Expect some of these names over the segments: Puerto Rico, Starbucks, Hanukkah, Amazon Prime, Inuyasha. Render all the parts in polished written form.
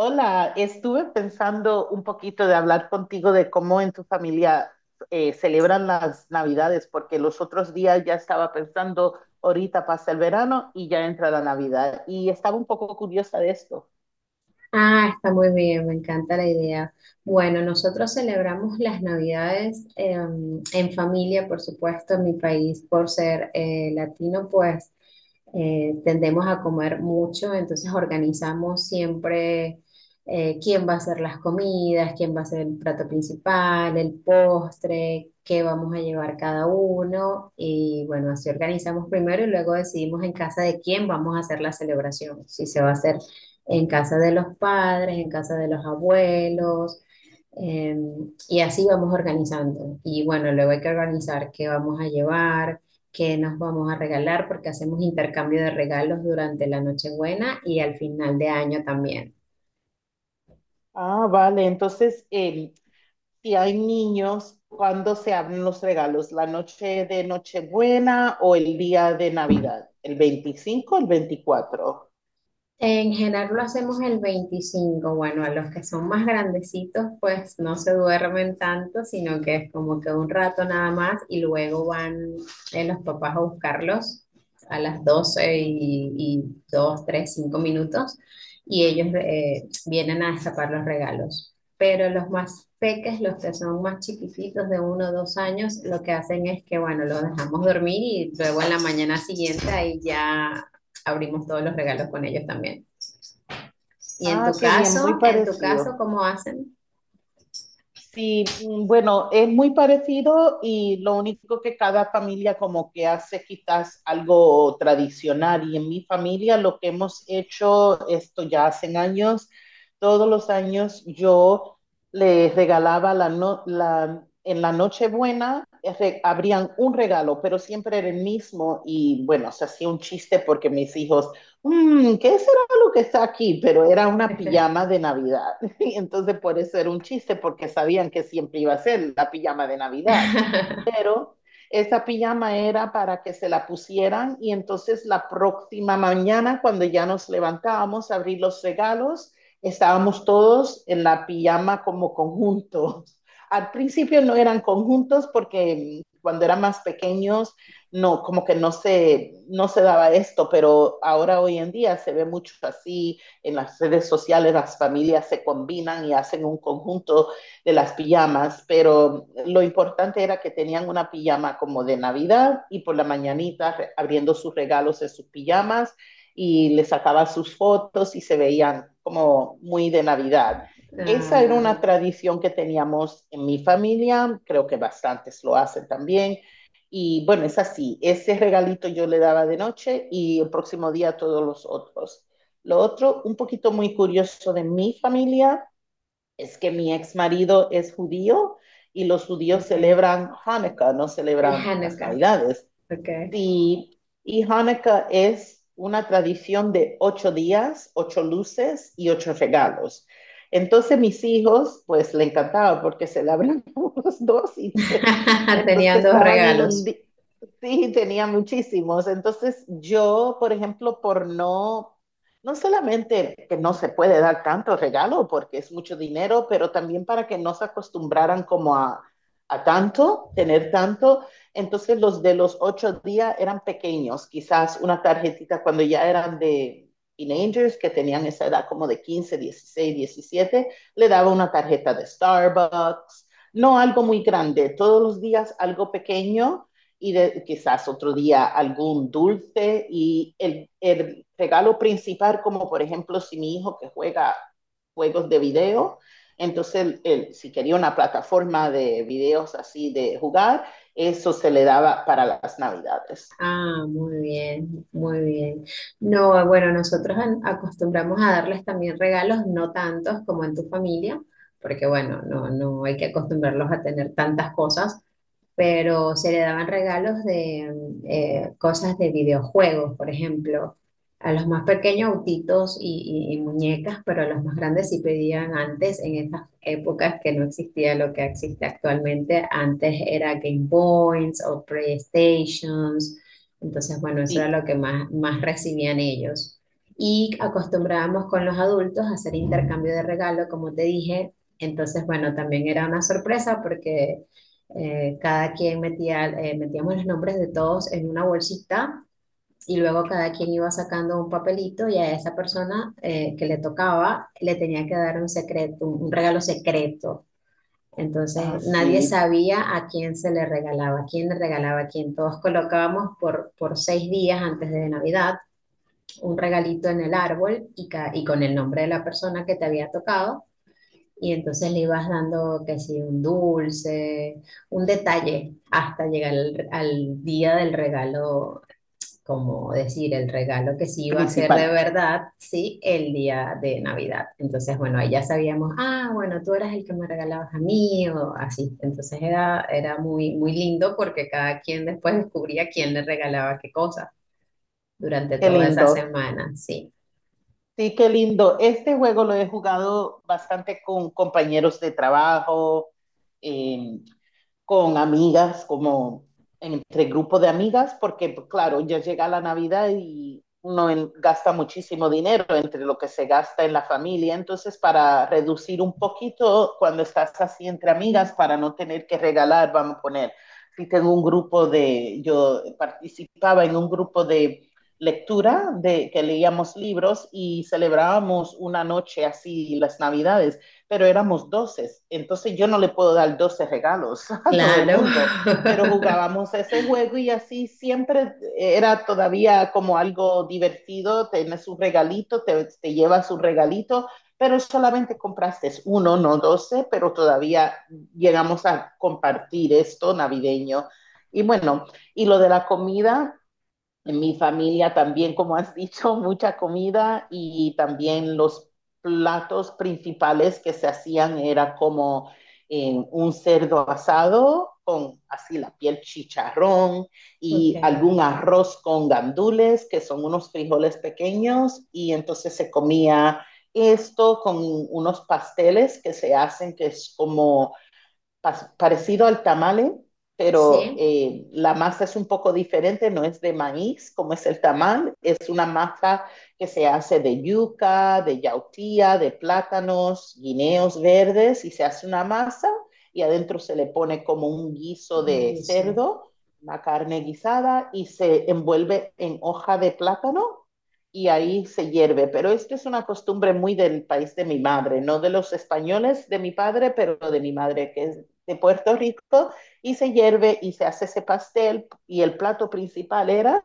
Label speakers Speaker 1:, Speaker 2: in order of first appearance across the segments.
Speaker 1: Hola, estuve pensando un poquito de hablar contigo de cómo en tu familia celebran las Navidades, porque los otros días ya estaba pensando, ahorita pasa el verano y ya entra la Navidad, y estaba un poco curiosa de esto.
Speaker 2: Ah, está muy bien, me encanta la idea. Bueno, nosotros celebramos las Navidades en familia, por supuesto, en mi país, por ser latino, pues tendemos a comer mucho, entonces organizamos siempre quién va a hacer las comidas, quién va a hacer el plato principal, el postre, qué vamos a llevar cada uno. Y bueno, así organizamos primero y luego decidimos en casa de quién vamos a hacer la celebración, si se va a hacer en casa de los padres, en casa de los abuelos, eh, y así vamos organizando. Y bueno, luego hay que organizar qué vamos a llevar, qué nos vamos a regalar, porque hacemos intercambio de regalos durante la Nochebuena y al final de año también.
Speaker 1: Ah, vale, entonces, si hay niños, ¿cuándo se abren los regalos? ¿La noche de Nochebuena o el día de Navidad? ¿El 25 o el 24?
Speaker 2: En general lo hacemos el 25. Bueno, a los que son más grandecitos, pues no se duermen tanto, sino que es como que un rato nada más y luego van los papás a buscarlos a las 12
Speaker 1: Mm.
Speaker 2: y, 2, 3, 5 minutos y ellos vienen a destapar los regalos. Pero los más peques, los que son más chiquititos de 1 o 2 años, lo que hacen es que, bueno, los dejamos dormir y luego en la mañana siguiente ahí ya abrimos todos los regalos con ellos también. ¿Y en tu
Speaker 1: Ah, qué bien, muy
Speaker 2: caso,
Speaker 1: parecido.
Speaker 2: cómo hacen?
Speaker 1: Sí, bueno, es muy parecido y lo único que cada familia como que hace quizás algo tradicional y en mi familia lo que hemos hecho esto ya hace años, todos los años yo les regalaba la no- la, en la Nochebuena abrían un regalo, pero siempre era el mismo y bueno, se hacía un chiste porque mis hijos, "Mm, ¿qué será lo que está aquí?". Pero era una
Speaker 2: Okay.
Speaker 1: pijama de Navidad. Y entonces por eso era un chiste, porque sabían que siempre iba a ser la pijama de Navidad. Pero esa pijama era para que se la pusieran y entonces la próxima mañana, cuando ya nos levantábamos a abrir los regalos, estábamos todos en la pijama como conjuntos. Al principio no eran conjuntos porque cuando eran más pequeños no, como que no se daba esto, pero ahora hoy en día se ve mucho así en las redes sociales las familias se combinan y hacen un conjunto de las pijamas, pero lo importante era que tenían una pijama como de Navidad y por la mañanita abriendo sus regalos de sus pijamas y les sacaba sus fotos y se veían como muy de Navidad. Esa era una
Speaker 2: Ah,
Speaker 1: tradición que teníamos en mi familia, creo que bastantes lo hacen también. Y bueno, es así, ese regalito yo le daba de noche y el próximo día todos los otros. Lo otro, un poquito muy curioso de mi familia, es que mi ex marido es judío y los judíos
Speaker 2: okay.
Speaker 1: celebran Hanukkah, no
Speaker 2: El
Speaker 1: celebran las
Speaker 2: Hanukkah,
Speaker 1: Navidades.
Speaker 2: ok.
Speaker 1: Sí, y Hanukkah es una tradición de 8 días, ocho luces y ocho regalos. Entonces mis hijos, pues le encantaba porque celebran los dos y
Speaker 2: Tenían
Speaker 1: entonces
Speaker 2: dos
Speaker 1: estaban
Speaker 2: regalos.
Speaker 1: inundados, sí, tenía muchísimos. Entonces yo, por ejemplo, por no, no solamente que no se puede dar tanto regalo porque es mucho dinero, pero también para que no se acostumbraran como a tanto, tener tanto. Entonces los de los 8 días eran pequeños, quizás una tarjetita cuando ya eran de teenagers que tenían esa edad como de 15, 16, 17, le daba una tarjeta de Starbucks, no algo muy grande, todos los días algo pequeño y de, quizás otro día algún dulce y el regalo principal, como por ejemplo si mi hijo que juega juegos de video, entonces, él, si quería una plataforma de videos así de jugar, eso se le daba para las Navidades.
Speaker 2: Ah, muy bien, muy bien. No, bueno, nosotros acostumbramos a darles también regalos, no tantos como en tu familia, porque bueno, no, no hay que acostumbrarlos a tener tantas cosas, pero se le daban regalos de cosas de videojuegos, por ejemplo. A los más pequeños autitos y muñecas, pero a los más grandes sí pedían antes, en esas épocas que no existía lo que existe actualmente. Antes era Game Boys o PlayStations. Entonces, bueno, eso era
Speaker 1: Sí,
Speaker 2: lo que más, más recibían ellos. Y acostumbrábamos con los adultos a hacer intercambio de regalo, como te dije. Entonces, bueno, también era una sorpresa porque cada quien metía, metíamos los nombres de todos en una bolsita y luego cada quien iba sacando un papelito y a esa persona que le tocaba le tenía que dar un secreto, un regalo secreto. Entonces nadie
Speaker 1: así,
Speaker 2: sabía a quién se le regalaba, a quién le regalaba, a quién. Todos colocábamos por 6 días antes de Navidad un regalito en el árbol y con el nombre de la persona que te había tocado y entonces le ibas dando, que si un dulce, un detalle, hasta llegar al día del regalo, como decir, el regalo que sí iba a ser de
Speaker 1: principal.
Speaker 2: verdad, sí, el día de Navidad. Entonces, bueno, ahí ya sabíamos, ah, bueno, tú eras el que me regalabas a mí, o así. Entonces era, era muy, muy lindo porque cada quien después descubría quién le regalaba qué cosa durante
Speaker 1: Qué
Speaker 2: toda esa
Speaker 1: lindo.
Speaker 2: semana, sí.
Speaker 1: Sí, qué lindo. Este juego lo he jugado bastante con compañeros de trabajo, eh, con amigas, como entre grupos de amigas, porque pues, claro, ya llega la Navidad y uno gasta muchísimo dinero entre lo que se gasta en la familia, entonces para reducir un poquito cuando estás así entre amigas, para no tener que regalar, vamos a poner, si tengo un grupo de, yo participaba en un grupo de lectura de que leíamos libros y celebrábamos una noche así las Navidades, pero éramos 12. Entonces yo no le puedo dar 12 regalos a todo el
Speaker 2: Claro.
Speaker 1: mundo, pero jugábamos ese juego y así siempre era todavía como algo divertido, tienes un regalito, te llevas un regalito, pero solamente compraste uno, no 12, pero todavía llegamos a compartir esto navideño. Y bueno, y lo de la comida, en mi familia también, como has dicho, mucha comida y también los platos principales que se hacían era como un cerdo asado con así la piel chicharrón
Speaker 2: Ok,
Speaker 1: y algún arroz con gandules, que son unos frijoles pequeños, y entonces se comía esto con unos pasteles que se hacen, que es como parecido al tamale, pero
Speaker 2: sí,
Speaker 1: la masa es un poco diferente, no es de maíz como es el tamal, es una masa que se hace de yuca, de yautía, de plátanos, guineos verdes y se hace una masa y adentro se le pone como un guiso de
Speaker 2: eso.
Speaker 1: cerdo, una carne guisada y se envuelve en hoja de plátano y ahí se hierve. Pero esto es una costumbre muy del país de mi madre, no de los españoles de mi padre, pero de mi madre, que es de Puerto Rico, y se hierve y se hace ese pastel, y el plato principal era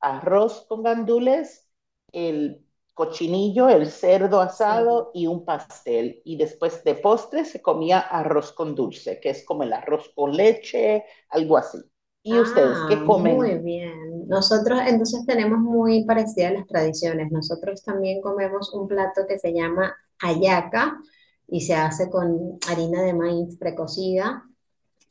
Speaker 1: arroz con gandules, el cochinillo, el cerdo
Speaker 2: Cerdo.
Speaker 1: asado y un pastel. Y después de postre se comía arroz con dulce, que es como el arroz con leche, algo así. ¿Y ustedes
Speaker 2: Ah,
Speaker 1: qué comen?
Speaker 2: muy bien. Nosotros entonces tenemos muy parecidas las tradiciones. Nosotros también comemos un plato que se llama hallaca y se hace con harina de maíz precocida,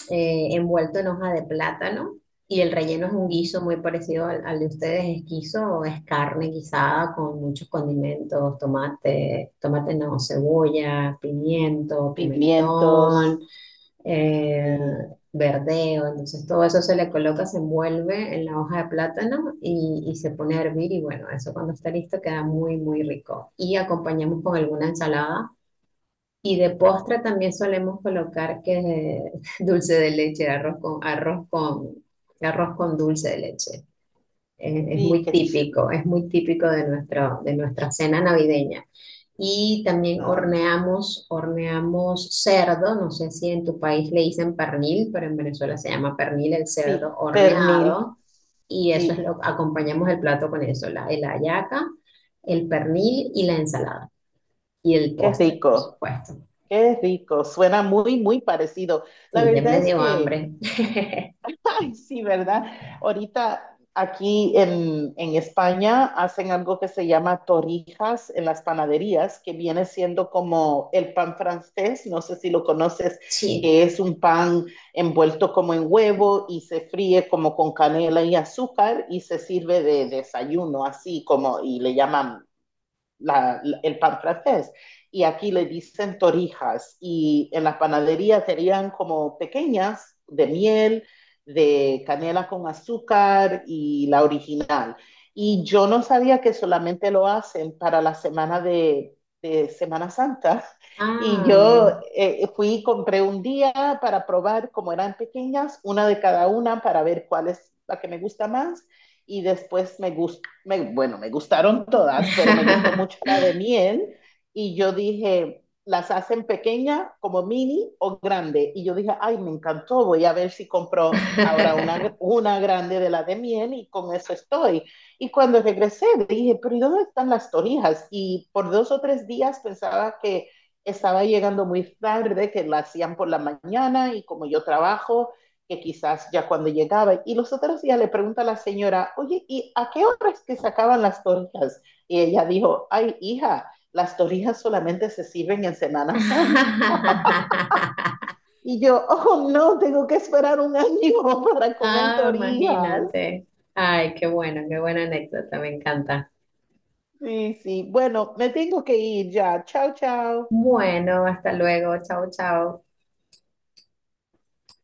Speaker 2: envuelto en hoja de plátano y el relleno es un guiso muy parecido al de ustedes. Es guiso, es carne guisada con muchos condimentos, tomate, tomate no, cebolla, pimiento,
Speaker 1: Pimientos
Speaker 2: pimentón eh,
Speaker 1: y,
Speaker 2: verdeo, entonces todo eso se le coloca, se envuelve en la hoja de plátano y se pone a hervir y bueno, eso cuando está listo queda muy, muy rico. Y acompañamos con alguna ensalada y de postre también solemos colocar que dulce de leche, arroz con dulce de leche.
Speaker 1: y que,
Speaker 2: Es muy típico de, nuestro, de nuestra cena navideña. Y también
Speaker 1: um,
Speaker 2: horneamos, horneamos cerdo, no sé si en tu país le dicen pernil, pero en Venezuela se llama pernil el cerdo
Speaker 1: sí, pernil.
Speaker 2: horneado. Y eso es
Speaker 1: Sí,
Speaker 2: lo, acompañamos el plato con eso, la hallaca, el pernil y la ensalada. Y el
Speaker 1: qué
Speaker 2: postre, por
Speaker 1: rico.
Speaker 2: supuesto.
Speaker 1: Qué rico, suena muy, muy parecido. La
Speaker 2: Sí, ya
Speaker 1: verdad
Speaker 2: me
Speaker 1: es
Speaker 2: dio
Speaker 1: que,
Speaker 2: hambre.
Speaker 1: ay, sí, ¿verdad? Ahorita aquí en España hacen algo que se llama torrijas en las panaderías, que viene siendo como el pan francés, no sé si lo conoces,
Speaker 2: Sí.
Speaker 1: que es un pan envuelto como en huevo y se fríe como con canela y azúcar y se sirve de desayuno, así como, y le llaman la, el pan francés. Y aquí le dicen torijas. Y en las panaderías serían como pequeñas, de miel, de canela con azúcar y la original. Y yo no sabía que solamente lo hacen para la semana de Semana Santa. Y yo
Speaker 2: Ah.
Speaker 1: fui y compré un día para probar, como eran pequeñas, una de cada una para ver cuál es la que me gusta más. Y después bueno, me gustaron todas, pero me gustó mucho la de miel y yo dije, las hacen pequeña, como mini o grande. Y yo dije, ay, me encantó, voy a ver si compro ahora una grande de la de miel y con eso estoy. Y cuando regresé dije, pero ¿y dónde están las torrijas? Y por 2 o 3 días pensaba que estaba llegando muy tarde, que la hacían por la mañana y como yo trabajo, que quizás ya cuando llegaba, y los otros días le pregunta a la señora, oye, ¿y a qué hora es que sacaban las torrijas? Y ella dijo, ay, hija, las torrijas solamente se sirven en Semana Santa. Y yo, oh, no, tengo que esperar un año para comer
Speaker 2: Ah,
Speaker 1: torrijas.
Speaker 2: imagínate. Ay, qué bueno, qué buena anécdota, me encanta.
Speaker 1: Sí, sí, bueno, me tengo que ir ya. Chao, chao.
Speaker 2: Bueno, hasta luego. Chao, chao.